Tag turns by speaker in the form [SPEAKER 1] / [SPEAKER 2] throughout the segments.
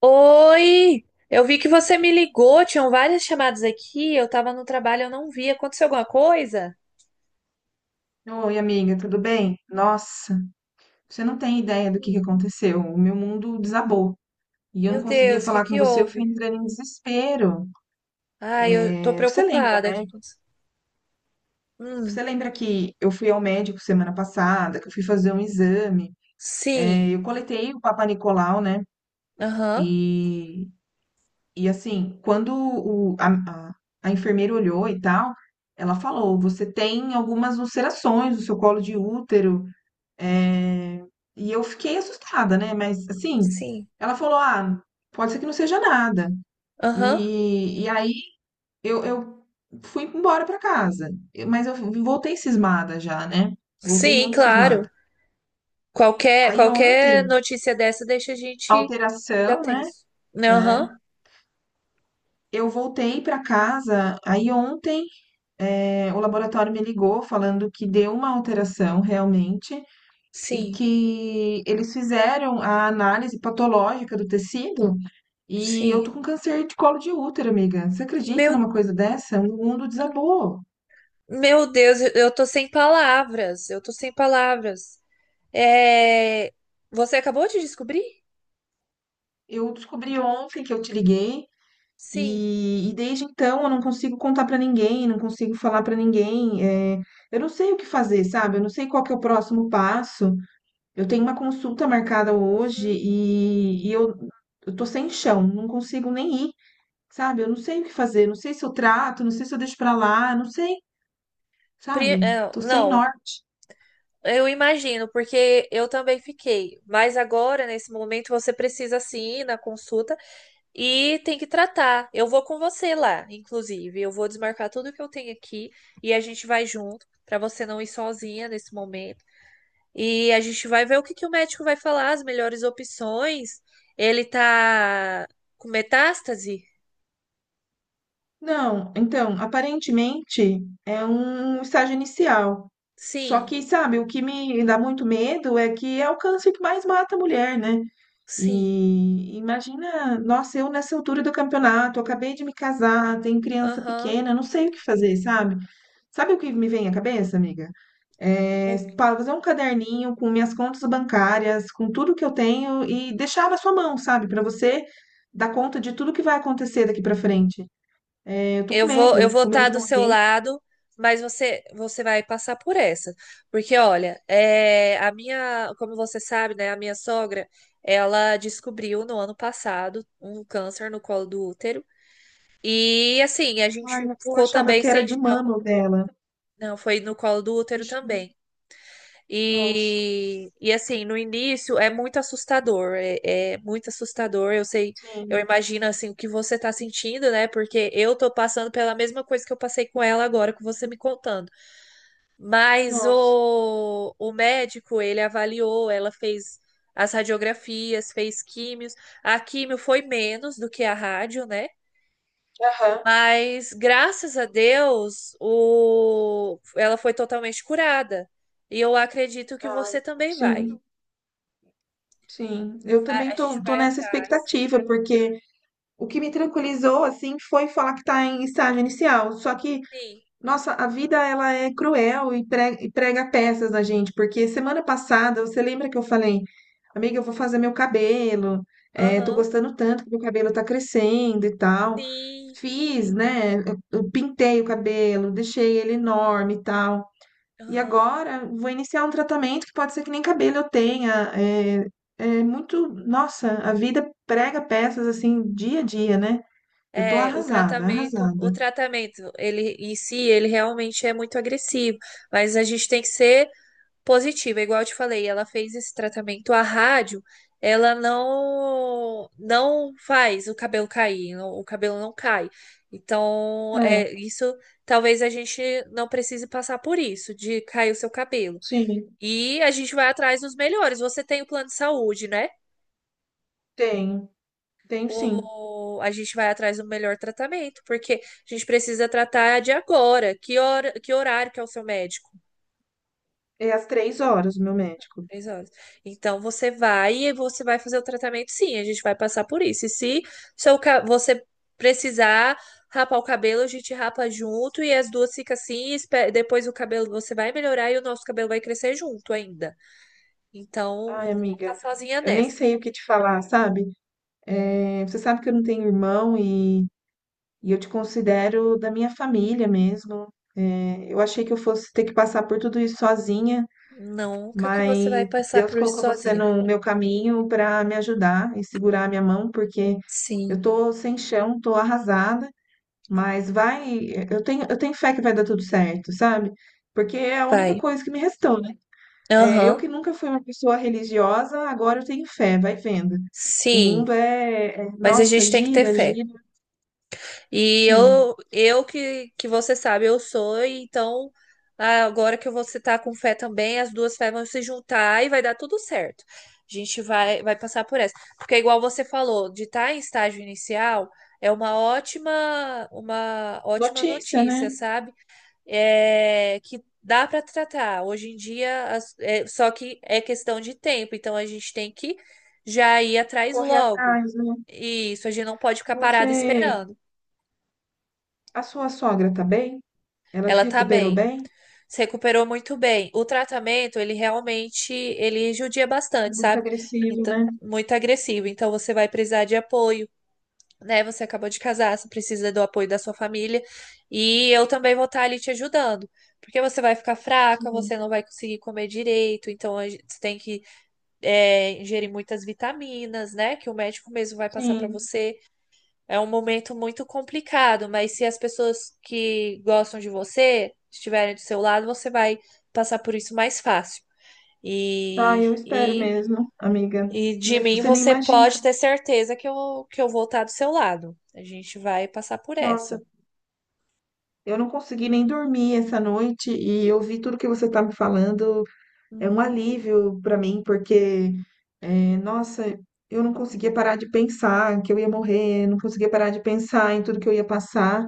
[SPEAKER 1] Oi! Eu vi que você me ligou, tinham várias chamadas aqui, eu tava no trabalho, eu não vi. Aconteceu alguma coisa?
[SPEAKER 2] Oi, amiga, tudo bem? Nossa, você não tem ideia do que
[SPEAKER 1] Hum.
[SPEAKER 2] aconteceu. O meu mundo desabou e eu não
[SPEAKER 1] Meu
[SPEAKER 2] conseguia
[SPEAKER 1] Deus, o que
[SPEAKER 2] falar com
[SPEAKER 1] que
[SPEAKER 2] você, eu fui
[SPEAKER 1] houve?
[SPEAKER 2] entrando em desespero.
[SPEAKER 1] Ai, eu tô
[SPEAKER 2] É, você lembra,
[SPEAKER 1] preocupada. O que
[SPEAKER 2] né?
[SPEAKER 1] aconteceu? Hum.
[SPEAKER 2] Você lembra que eu fui ao médico semana passada, que eu fui fazer um exame.
[SPEAKER 1] Sim.
[SPEAKER 2] É, eu coletei o Papa Nicolau, né?
[SPEAKER 1] Aham.
[SPEAKER 2] E, e assim, quando a enfermeira olhou e tal, ela falou: você tem algumas ulcerações no seu colo de útero. É, e eu fiquei assustada, né? Mas assim,
[SPEAKER 1] Sim.
[SPEAKER 2] ela falou: ah, pode ser que não seja nada.
[SPEAKER 1] Aham.
[SPEAKER 2] E aí eu fui embora pra casa. Mas eu voltei cismada já, né? Voltei
[SPEAKER 1] Sim,
[SPEAKER 2] muito
[SPEAKER 1] claro.
[SPEAKER 2] cismada.
[SPEAKER 1] Qualquer
[SPEAKER 2] Aí
[SPEAKER 1] qualquer
[SPEAKER 2] ontem,
[SPEAKER 1] notícia dessa deixa a gente já
[SPEAKER 2] alteração, né?
[SPEAKER 1] tenso. Aham.
[SPEAKER 2] É. Eu voltei pra casa. Aí ontem, é, o laboratório me ligou falando que deu uma alteração realmente e
[SPEAKER 1] Sim.
[SPEAKER 2] que eles fizeram a análise patológica do tecido. E eu
[SPEAKER 1] Sim.
[SPEAKER 2] tô com câncer de colo de útero, amiga. Você acredita
[SPEAKER 1] Meu
[SPEAKER 2] numa coisa dessa? O mundo desabou.
[SPEAKER 1] meu Deus, eu tô sem palavras. Eu tô sem palavras. É, Você acabou de descobrir?
[SPEAKER 2] Eu descobri ontem, que eu te liguei
[SPEAKER 1] Sim.
[SPEAKER 2] e desde então eu não consigo contar pra ninguém, não consigo falar pra ninguém. É, eu não sei o que fazer, sabe? Eu não sei qual que é o próximo passo. Eu tenho uma consulta marcada hoje
[SPEAKER 1] Uhum.
[SPEAKER 2] e eu tô sem chão, não consigo nem ir, sabe? Eu não sei o que fazer, não sei se eu trato, não sei se eu deixo pra lá, não sei, sabe? Tô sem
[SPEAKER 1] Não,
[SPEAKER 2] norte.
[SPEAKER 1] eu imagino, porque eu também fiquei. Mas agora, nesse momento, você precisa sim ir na consulta e tem que tratar. Eu vou com você lá, inclusive. Eu vou desmarcar tudo que eu tenho aqui e a gente vai junto, para você não ir sozinha nesse momento. E a gente vai ver o que que o médico vai falar, as melhores opções. Ele tá com metástase?
[SPEAKER 2] Não, então, aparentemente é um estágio inicial. Só
[SPEAKER 1] Sim,
[SPEAKER 2] que, sabe, o que me dá muito medo é que é o câncer que mais mata a mulher, né?
[SPEAKER 1] sim.
[SPEAKER 2] E imagina, nossa, eu nessa altura do campeonato, acabei de me casar, tenho criança
[SPEAKER 1] Aham.
[SPEAKER 2] pequena, não sei o que fazer, sabe? Sabe o que me vem à cabeça, amiga? É,
[SPEAKER 1] O-
[SPEAKER 2] fazer um caderninho com minhas contas bancárias, com tudo que eu tenho e deixar na sua mão, sabe? Para você dar conta de tudo que vai acontecer daqui para frente. Eu
[SPEAKER 1] Eu
[SPEAKER 2] tô
[SPEAKER 1] vou
[SPEAKER 2] com medo
[SPEAKER 1] estar
[SPEAKER 2] de
[SPEAKER 1] do seu
[SPEAKER 2] morrer.
[SPEAKER 1] lado, mas você, você vai passar por essa. Porque, olha, é, a minha, como você sabe, né, a minha sogra, ela descobriu no ano passado um câncer no colo do útero. E assim, a
[SPEAKER 2] Ai,
[SPEAKER 1] gente
[SPEAKER 2] mas eu
[SPEAKER 1] ficou
[SPEAKER 2] achava
[SPEAKER 1] também
[SPEAKER 2] que era
[SPEAKER 1] sem
[SPEAKER 2] de
[SPEAKER 1] chão.
[SPEAKER 2] mama o dela.
[SPEAKER 1] Não, foi no colo do útero também.
[SPEAKER 2] Nossa,
[SPEAKER 1] E assim, no início é muito assustador, é, é muito assustador. Eu sei, eu
[SPEAKER 2] sim.
[SPEAKER 1] imagino assim o que você tá sentindo, né? Porque eu tô passando pela mesma coisa que eu passei com ela agora, com você me contando. Mas
[SPEAKER 2] Nossa.
[SPEAKER 1] o médico, ele avaliou, ela fez as radiografias, fez químios. A químio foi menos do que a rádio, né?
[SPEAKER 2] Aham.
[SPEAKER 1] Mas graças a Deus, o, ela foi totalmente curada. E eu acredito que
[SPEAKER 2] Ai,
[SPEAKER 1] você também vai.
[SPEAKER 2] sim, sim. Eu
[SPEAKER 1] A
[SPEAKER 2] também
[SPEAKER 1] a gente
[SPEAKER 2] tô, tô
[SPEAKER 1] vai
[SPEAKER 2] nessa
[SPEAKER 1] atrás.
[SPEAKER 2] expectativa, porque o que me tranquilizou, assim, foi falar que tá em estágio inicial. Só que
[SPEAKER 1] Sim.
[SPEAKER 2] nossa, a vida ela é cruel e prega peças na gente, porque semana passada, você lembra que eu falei, amiga, eu vou fazer meu cabelo, é, tô
[SPEAKER 1] Aham.
[SPEAKER 2] gostando tanto que meu cabelo tá crescendo e tal.
[SPEAKER 1] Sim.
[SPEAKER 2] Fiz, né? Eu pintei o cabelo, deixei ele enorme e tal. E
[SPEAKER 1] Aham.
[SPEAKER 2] agora vou iniciar um tratamento que pode ser que nem cabelo eu tenha. É, é muito, nossa, a vida prega peças assim dia a dia, né? Eu tô
[SPEAKER 1] É,
[SPEAKER 2] arrasada,
[SPEAKER 1] o
[SPEAKER 2] arrasada.
[SPEAKER 1] tratamento, ele em si, ele realmente é muito agressivo, mas a gente tem que ser positiva, igual eu te falei, ela fez esse tratamento, a rádio, ela não faz o cabelo cair, não- o cabelo não cai. Então, é
[SPEAKER 2] É,
[SPEAKER 1] isso, talvez a gente não precise passar por isso, de cair o seu cabelo.
[SPEAKER 2] sim,
[SPEAKER 1] E a gente vai atrás dos melhores. Você tem o plano de saúde, né?
[SPEAKER 2] tenho. Tenho sim.
[SPEAKER 1] o- A gente vai atrás do melhor tratamento, porque a gente precisa tratar de agora. Que hora, que horário que é o seu médico?
[SPEAKER 2] É às 3 horas o meu médico.
[SPEAKER 1] Três horas. Então você vai e você vai fazer o tratamento, sim, a gente vai passar por isso. E se seu, ca- você precisar rapar o cabelo, a gente rapa junto e as duas ficam assim, e espe- depois o cabelo você vai melhorar e o nosso cabelo vai crescer junto ainda. Então
[SPEAKER 2] Ai,
[SPEAKER 1] você não tá
[SPEAKER 2] amiga,
[SPEAKER 1] sozinha
[SPEAKER 2] eu nem
[SPEAKER 1] nessa.
[SPEAKER 2] sei o que te falar, sabe? É, você sabe que eu não tenho irmão e eu te considero da minha família mesmo. É, eu achei que eu fosse ter que passar por tudo isso sozinha,
[SPEAKER 1] Nunca que você vai
[SPEAKER 2] mas
[SPEAKER 1] passar
[SPEAKER 2] Deus
[SPEAKER 1] por isso
[SPEAKER 2] colocou você
[SPEAKER 1] sozinha.
[SPEAKER 2] no meu caminho para me ajudar e segurar a minha mão, porque
[SPEAKER 1] Sim,
[SPEAKER 2] eu tô sem chão, tô arrasada, mas vai, eu tenho fé que vai dar tudo certo, sabe? Porque é a única
[SPEAKER 1] vai.
[SPEAKER 2] coisa que me restou, né? É, eu
[SPEAKER 1] Aham.
[SPEAKER 2] que nunca fui uma pessoa religiosa, agora eu tenho fé, vai vendo. O
[SPEAKER 1] Sim,
[SPEAKER 2] mundo
[SPEAKER 1] mas a
[SPEAKER 2] nossa,
[SPEAKER 1] gente tem que ter
[SPEAKER 2] gira,
[SPEAKER 1] fé.
[SPEAKER 2] gira.
[SPEAKER 1] E
[SPEAKER 2] Sim.
[SPEAKER 1] eu, eu que você sabe, eu sou, e então ah, agora que você tá com fé também, as duas fés vão se juntar e vai dar tudo certo. A gente vai, vai passar por essa. Porque igual você falou, de estar em estágio inicial é uma ótima
[SPEAKER 2] Notícia, né?
[SPEAKER 1] notícia, sabe? É, que dá para tratar. Hoje em dia, as- é, só que é questão de tempo, então a gente tem que já ir atrás
[SPEAKER 2] Correr
[SPEAKER 1] logo.
[SPEAKER 2] atrás, né?
[SPEAKER 1] Isso, a gente não pode ficar parado
[SPEAKER 2] Você,
[SPEAKER 1] esperando.
[SPEAKER 2] a sua sogra tá bem? Ela se
[SPEAKER 1] Ela tá
[SPEAKER 2] recuperou
[SPEAKER 1] bem,
[SPEAKER 2] bem?
[SPEAKER 1] se recuperou muito bem. O tratamento, ele realmente, ele judia bastante,
[SPEAKER 2] Muito
[SPEAKER 1] sabe?
[SPEAKER 2] agressivo,
[SPEAKER 1] Então,
[SPEAKER 2] né?
[SPEAKER 1] muito agressivo. Então, você vai precisar de apoio. Né? Você acabou de casar, você precisa do apoio da sua família e eu também vou estar ali te ajudando. Porque você vai ficar fraca,
[SPEAKER 2] Sim.
[SPEAKER 1] você não vai conseguir comer direito, então a gente- você tem que ingerir muitas vitaminas, né? Que o médico mesmo vai passar para
[SPEAKER 2] Sim.
[SPEAKER 1] você. É um momento muito complicado, mas se as pessoas que gostam de você estiverem do seu lado, você vai passar por isso mais fácil.
[SPEAKER 2] Tá,
[SPEAKER 1] E,
[SPEAKER 2] eu espero
[SPEAKER 1] e
[SPEAKER 2] mesmo, amiga.
[SPEAKER 1] e de mim
[SPEAKER 2] Você nem
[SPEAKER 1] você
[SPEAKER 2] imagina.
[SPEAKER 1] pode ter certeza que eu vou estar do seu lado. A gente vai passar por
[SPEAKER 2] Nossa,
[SPEAKER 1] essa.
[SPEAKER 2] eu não consegui nem dormir essa noite e eu vi tudo que você tá me falando. É um
[SPEAKER 1] Uhum,
[SPEAKER 2] alívio para mim, porque, nossa, eu não conseguia parar de pensar que eu ia morrer, não conseguia parar de pensar em tudo que eu ia passar.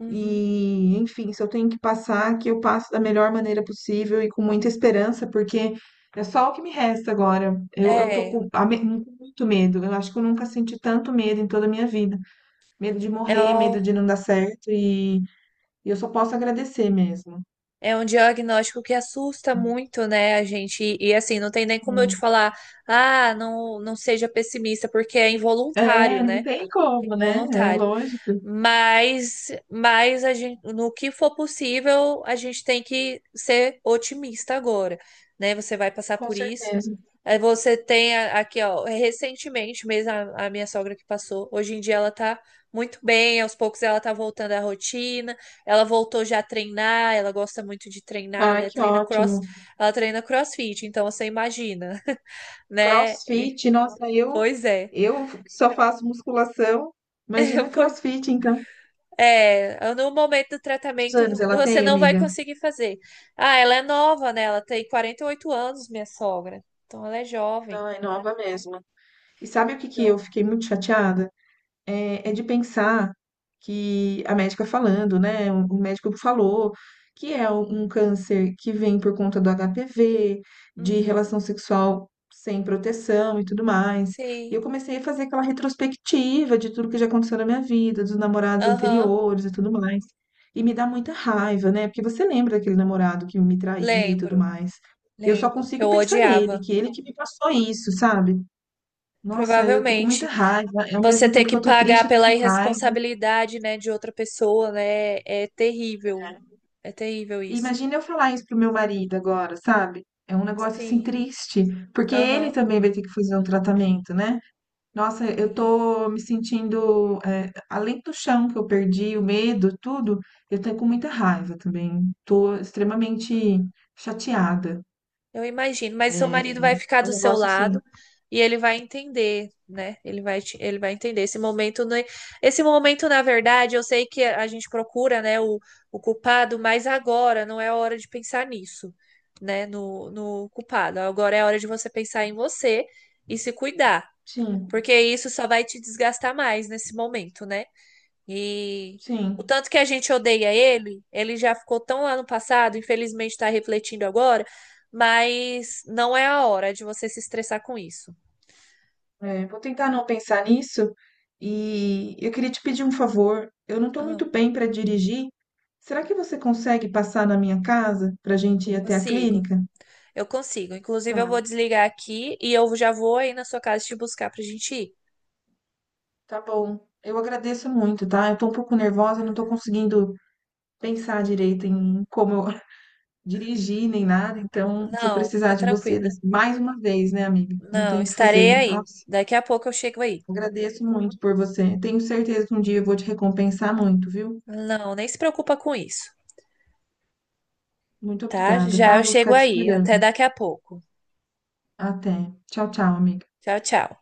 [SPEAKER 1] uhum.
[SPEAKER 2] E, enfim, se eu tenho que passar, que eu passo da melhor maneira possível e com muita esperança, porque é só o que me resta agora. Eu tô
[SPEAKER 1] É,
[SPEAKER 2] com, com muito medo. Eu acho que eu nunca senti tanto medo em toda a minha vida. Medo de
[SPEAKER 1] é,
[SPEAKER 2] morrer, medo
[SPEAKER 1] o-
[SPEAKER 2] de não dar certo, e eu só posso agradecer mesmo.
[SPEAKER 1] É um diagnóstico que assusta muito, né, a gente? Assim, não tem nem como eu te
[SPEAKER 2] Hum.
[SPEAKER 1] falar, ah, não, não seja pessimista, porque é involuntário,
[SPEAKER 2] É, não
[SPEAKER 1] né?
[SPEAKER 2] tem
[SPEAKER 1] É
[SPEAKER 2] como, né? É
[SPEAKER 1] involuntário.
[SPEAKER 2] lógico.
[SPEAKER 1] Mas a gente, no que for possível, a gente tem que ser otimista agora, né? Você vai passar
[SPEAKER 2] Com
[SPEAKER 1] por isso.
[SPEAKER 2] certeza.
[SPEAKER 1] Aí você tem a- aqui, ó, recentemente mesmo a minha sogra que passou. Hoje em dia ela tá muito bem, aos poucos ela tá voltando à rotina. Ela voltou já a treinar, ela gosta muito de treinar,
[SPEAKER 2] Ai,
[SPEAKER 1] né?
[SPEAKER 2] que
[SPEAKER 1] Treina cross,
[SPEAKER 2] ótimo.
[SPEAKER 1] ela treina CrossFit, então você imagina, né? E-
[SPEAKER 2] CrossFit, nossa, eu
[SPEAKER 1] pois é.
[SPEAKER 2] eu só faço musculação. Imagina CrossFit, então.
[SPEAKER 1] É, no momento do
[SPEAKER 2] Quantos
[SPEAKER 1] tratamento
[SPEAKER 2] anos ela
[SPEAKER 1] você
[SPEAKER 2] tem,
[SPEAKER 1] não vai
[SPEAKER 2] amiga?
[SPEAKER 1] conseguir fazer. Ah, ela é nova, né? Ela tem 48 anos, minha sogra. Então ela é jovem.
[SPEAKER 2] Ai, nova mesmo. E sabe o que eu
[SPEAKER 1] Então,
[SPEAKER 2] fiquei muito chateada? É, é de pensar que a médica falando, né? O médico falou que é um câncer que vem por conta do HPV, de
[SPEAKER 1] uhum,
[SPEAKER 2] relação sexual sem proteção e tudo mais. E
[SPEAKER 1] sim.
[SPEAKER 2] eu comecei a fazer aquela retrospectiva de tudo que já aconteceu na minha vida, dos namorados
[SPEAKER 1] Aham,
[SPEAKER 2] anteriores e tudo mais. E me dá muita raiva, né? Porque você lembra daquele namorado que me traía e tudo
[SPEAKER 1] lembro,
[SPEAKER 2] mais. Eu só
[SPEAKER 1] lembro que
[SPEAKER 2] consigo
[SPEAKER 1] eu
[SPEAKER 2] pensar nele,
[SPEAKER 1] odiava.
[SPEAKER 2] que ele que me passou isso, sabe? Nossa, eu tô com muita
[SPEAKER 1] Provavelmente
[SPEAKER 2] raiva. Ao
[SPEAKER 1] você
[SPEAKER 2] mesmo
[SPEAKER 1] ter
[SPEAKER 2] tempo que
[SPEAKER 1] que
[SPEAKER 2] eu tô triste,
[SPEAKER 1] pagar
[SPEAKER 2] eu tô com
[SPEAKER 1] pela
[SPEAKER 2] raiva.
[SPEAKER 1] irresponsabilidade, né, de outra pessoa, né? É terrível.
[SPEAKER 2] É.
[SPEAKER 1] É terrível
[SPEAKER 2] E
[SPEAKER 1] isso.
[SPEAKER 2] imagina eu falar isso pro meu marido agora, sabe? É um negócio assim
[SPEAKER 1] Sim.
[SPEAKER 2] triste, porque ele
[SPEAKER 1] Aham.
[SPEAKER 2] também vai ter que fazer um tratamento, né? Nossa, eu
[SPEAKER 1] Sim.
[SPEAKER 2] tô me sentindo, é, além do chão que eu perdi, o medo, tudo, eu tô com muita raiva também. Tô extremamente chateada.
[SPEAKER 1] Eu imagino, mas seu marido vai
[SPEAKER 2] É,
[SPEAKER 1] ficar
[SPEAKER 2] é um
[SPEAKER 1] do seu
[SPEAKER 2] negócio assim.
[SPEAKER 1] lado e ele vai entender, né? Ele vai, te- ele vai entender esse momento, né? Esse momento, na verdade, eu sei que a gente procura, né, o culpado, mas agora não é a hora de pensar nisso, né? No, no culpado. Agora é a hora de você pensar em você e se cuidar,
[SPEAKER 2] Sim,
[SPEAKER 1] porque isso só vai te desgastar mais nesse momento, né? E o
[SPEAKER 2] sim.
[SPEAKER 1] tanto que a gente odeia ele, ele já ficou tão lá no passado, infelizmente está refletindo agora, mas não é a hora de você se estressar com isso.
[SPEAKER 2] É, vou tentar não pensar nisso. E eu queria te pedir um favor. Eu não estou
[SPEAKER 1] Ah,
[SPEAKER 2] muito bem para dirigir. Será que você consegue passar na minha casa para a gente ir até a
[SPEAKER 1] consigo.
[SPEAKER 2] clínica?
[SPEAKER 1] Eu consigo. Inclusive, eu
[SPEAKER 2] Tá,
[SPEAKER 1] vou desligar aqui e eu já vou aí na sua casa te buscar pra gente ir.
[SPEAKER 2] tá bom. Eu agradeço muito, tá? Eu tô um pouco nervosa, não estou conseguindo pensar direito em como eu dirigir nem nada, então vou
[SPEAKER 1] Não,
[SPEAKER 2] precisar
[SPEAKER 1] fica
[SPEAKER 2] de você
[SPEAKER 1] tranquilo.
[SPEAKER 2] mais uma vez, né, amiga? Não
[SPEAKER 1] Não,
[SPEAKER 2] tenho o que
[SPEAKER 1] estarei
[SPEAKER 2] fazer.
[SPEAKER 1] aí.
[SPEAKER 2] Nossa,
[SPEAKER 1] Daqui a pouco eu chego aí.
[SPEAKER 2] agradeço muito por você. Tenho certeza que um dia eu vou te recompensar muito, viu?
[SPEAKER 1] Não, nem se preocupa com isso,
[SPEAKER 2] Muito
[SPEAKER 1] tá?
[SPEAKER 2] obrigada,
[SPEAKER 1] Já
[SPEAKER 2] tá?
[SPEAKER 1] eu
[SPEAKER 2] Vou
[SPEAKER 1] chego
[SPEAKER 2] ficar te
[SPEAKER 1] aí. Até
[SPEAKER 2] esperando.
[SPEAKER 1] daqui a pouco.
[SPEAKER 2] Até. Tchau, tchau, amiga.
[SPEAKER 1] Tchau, tchau.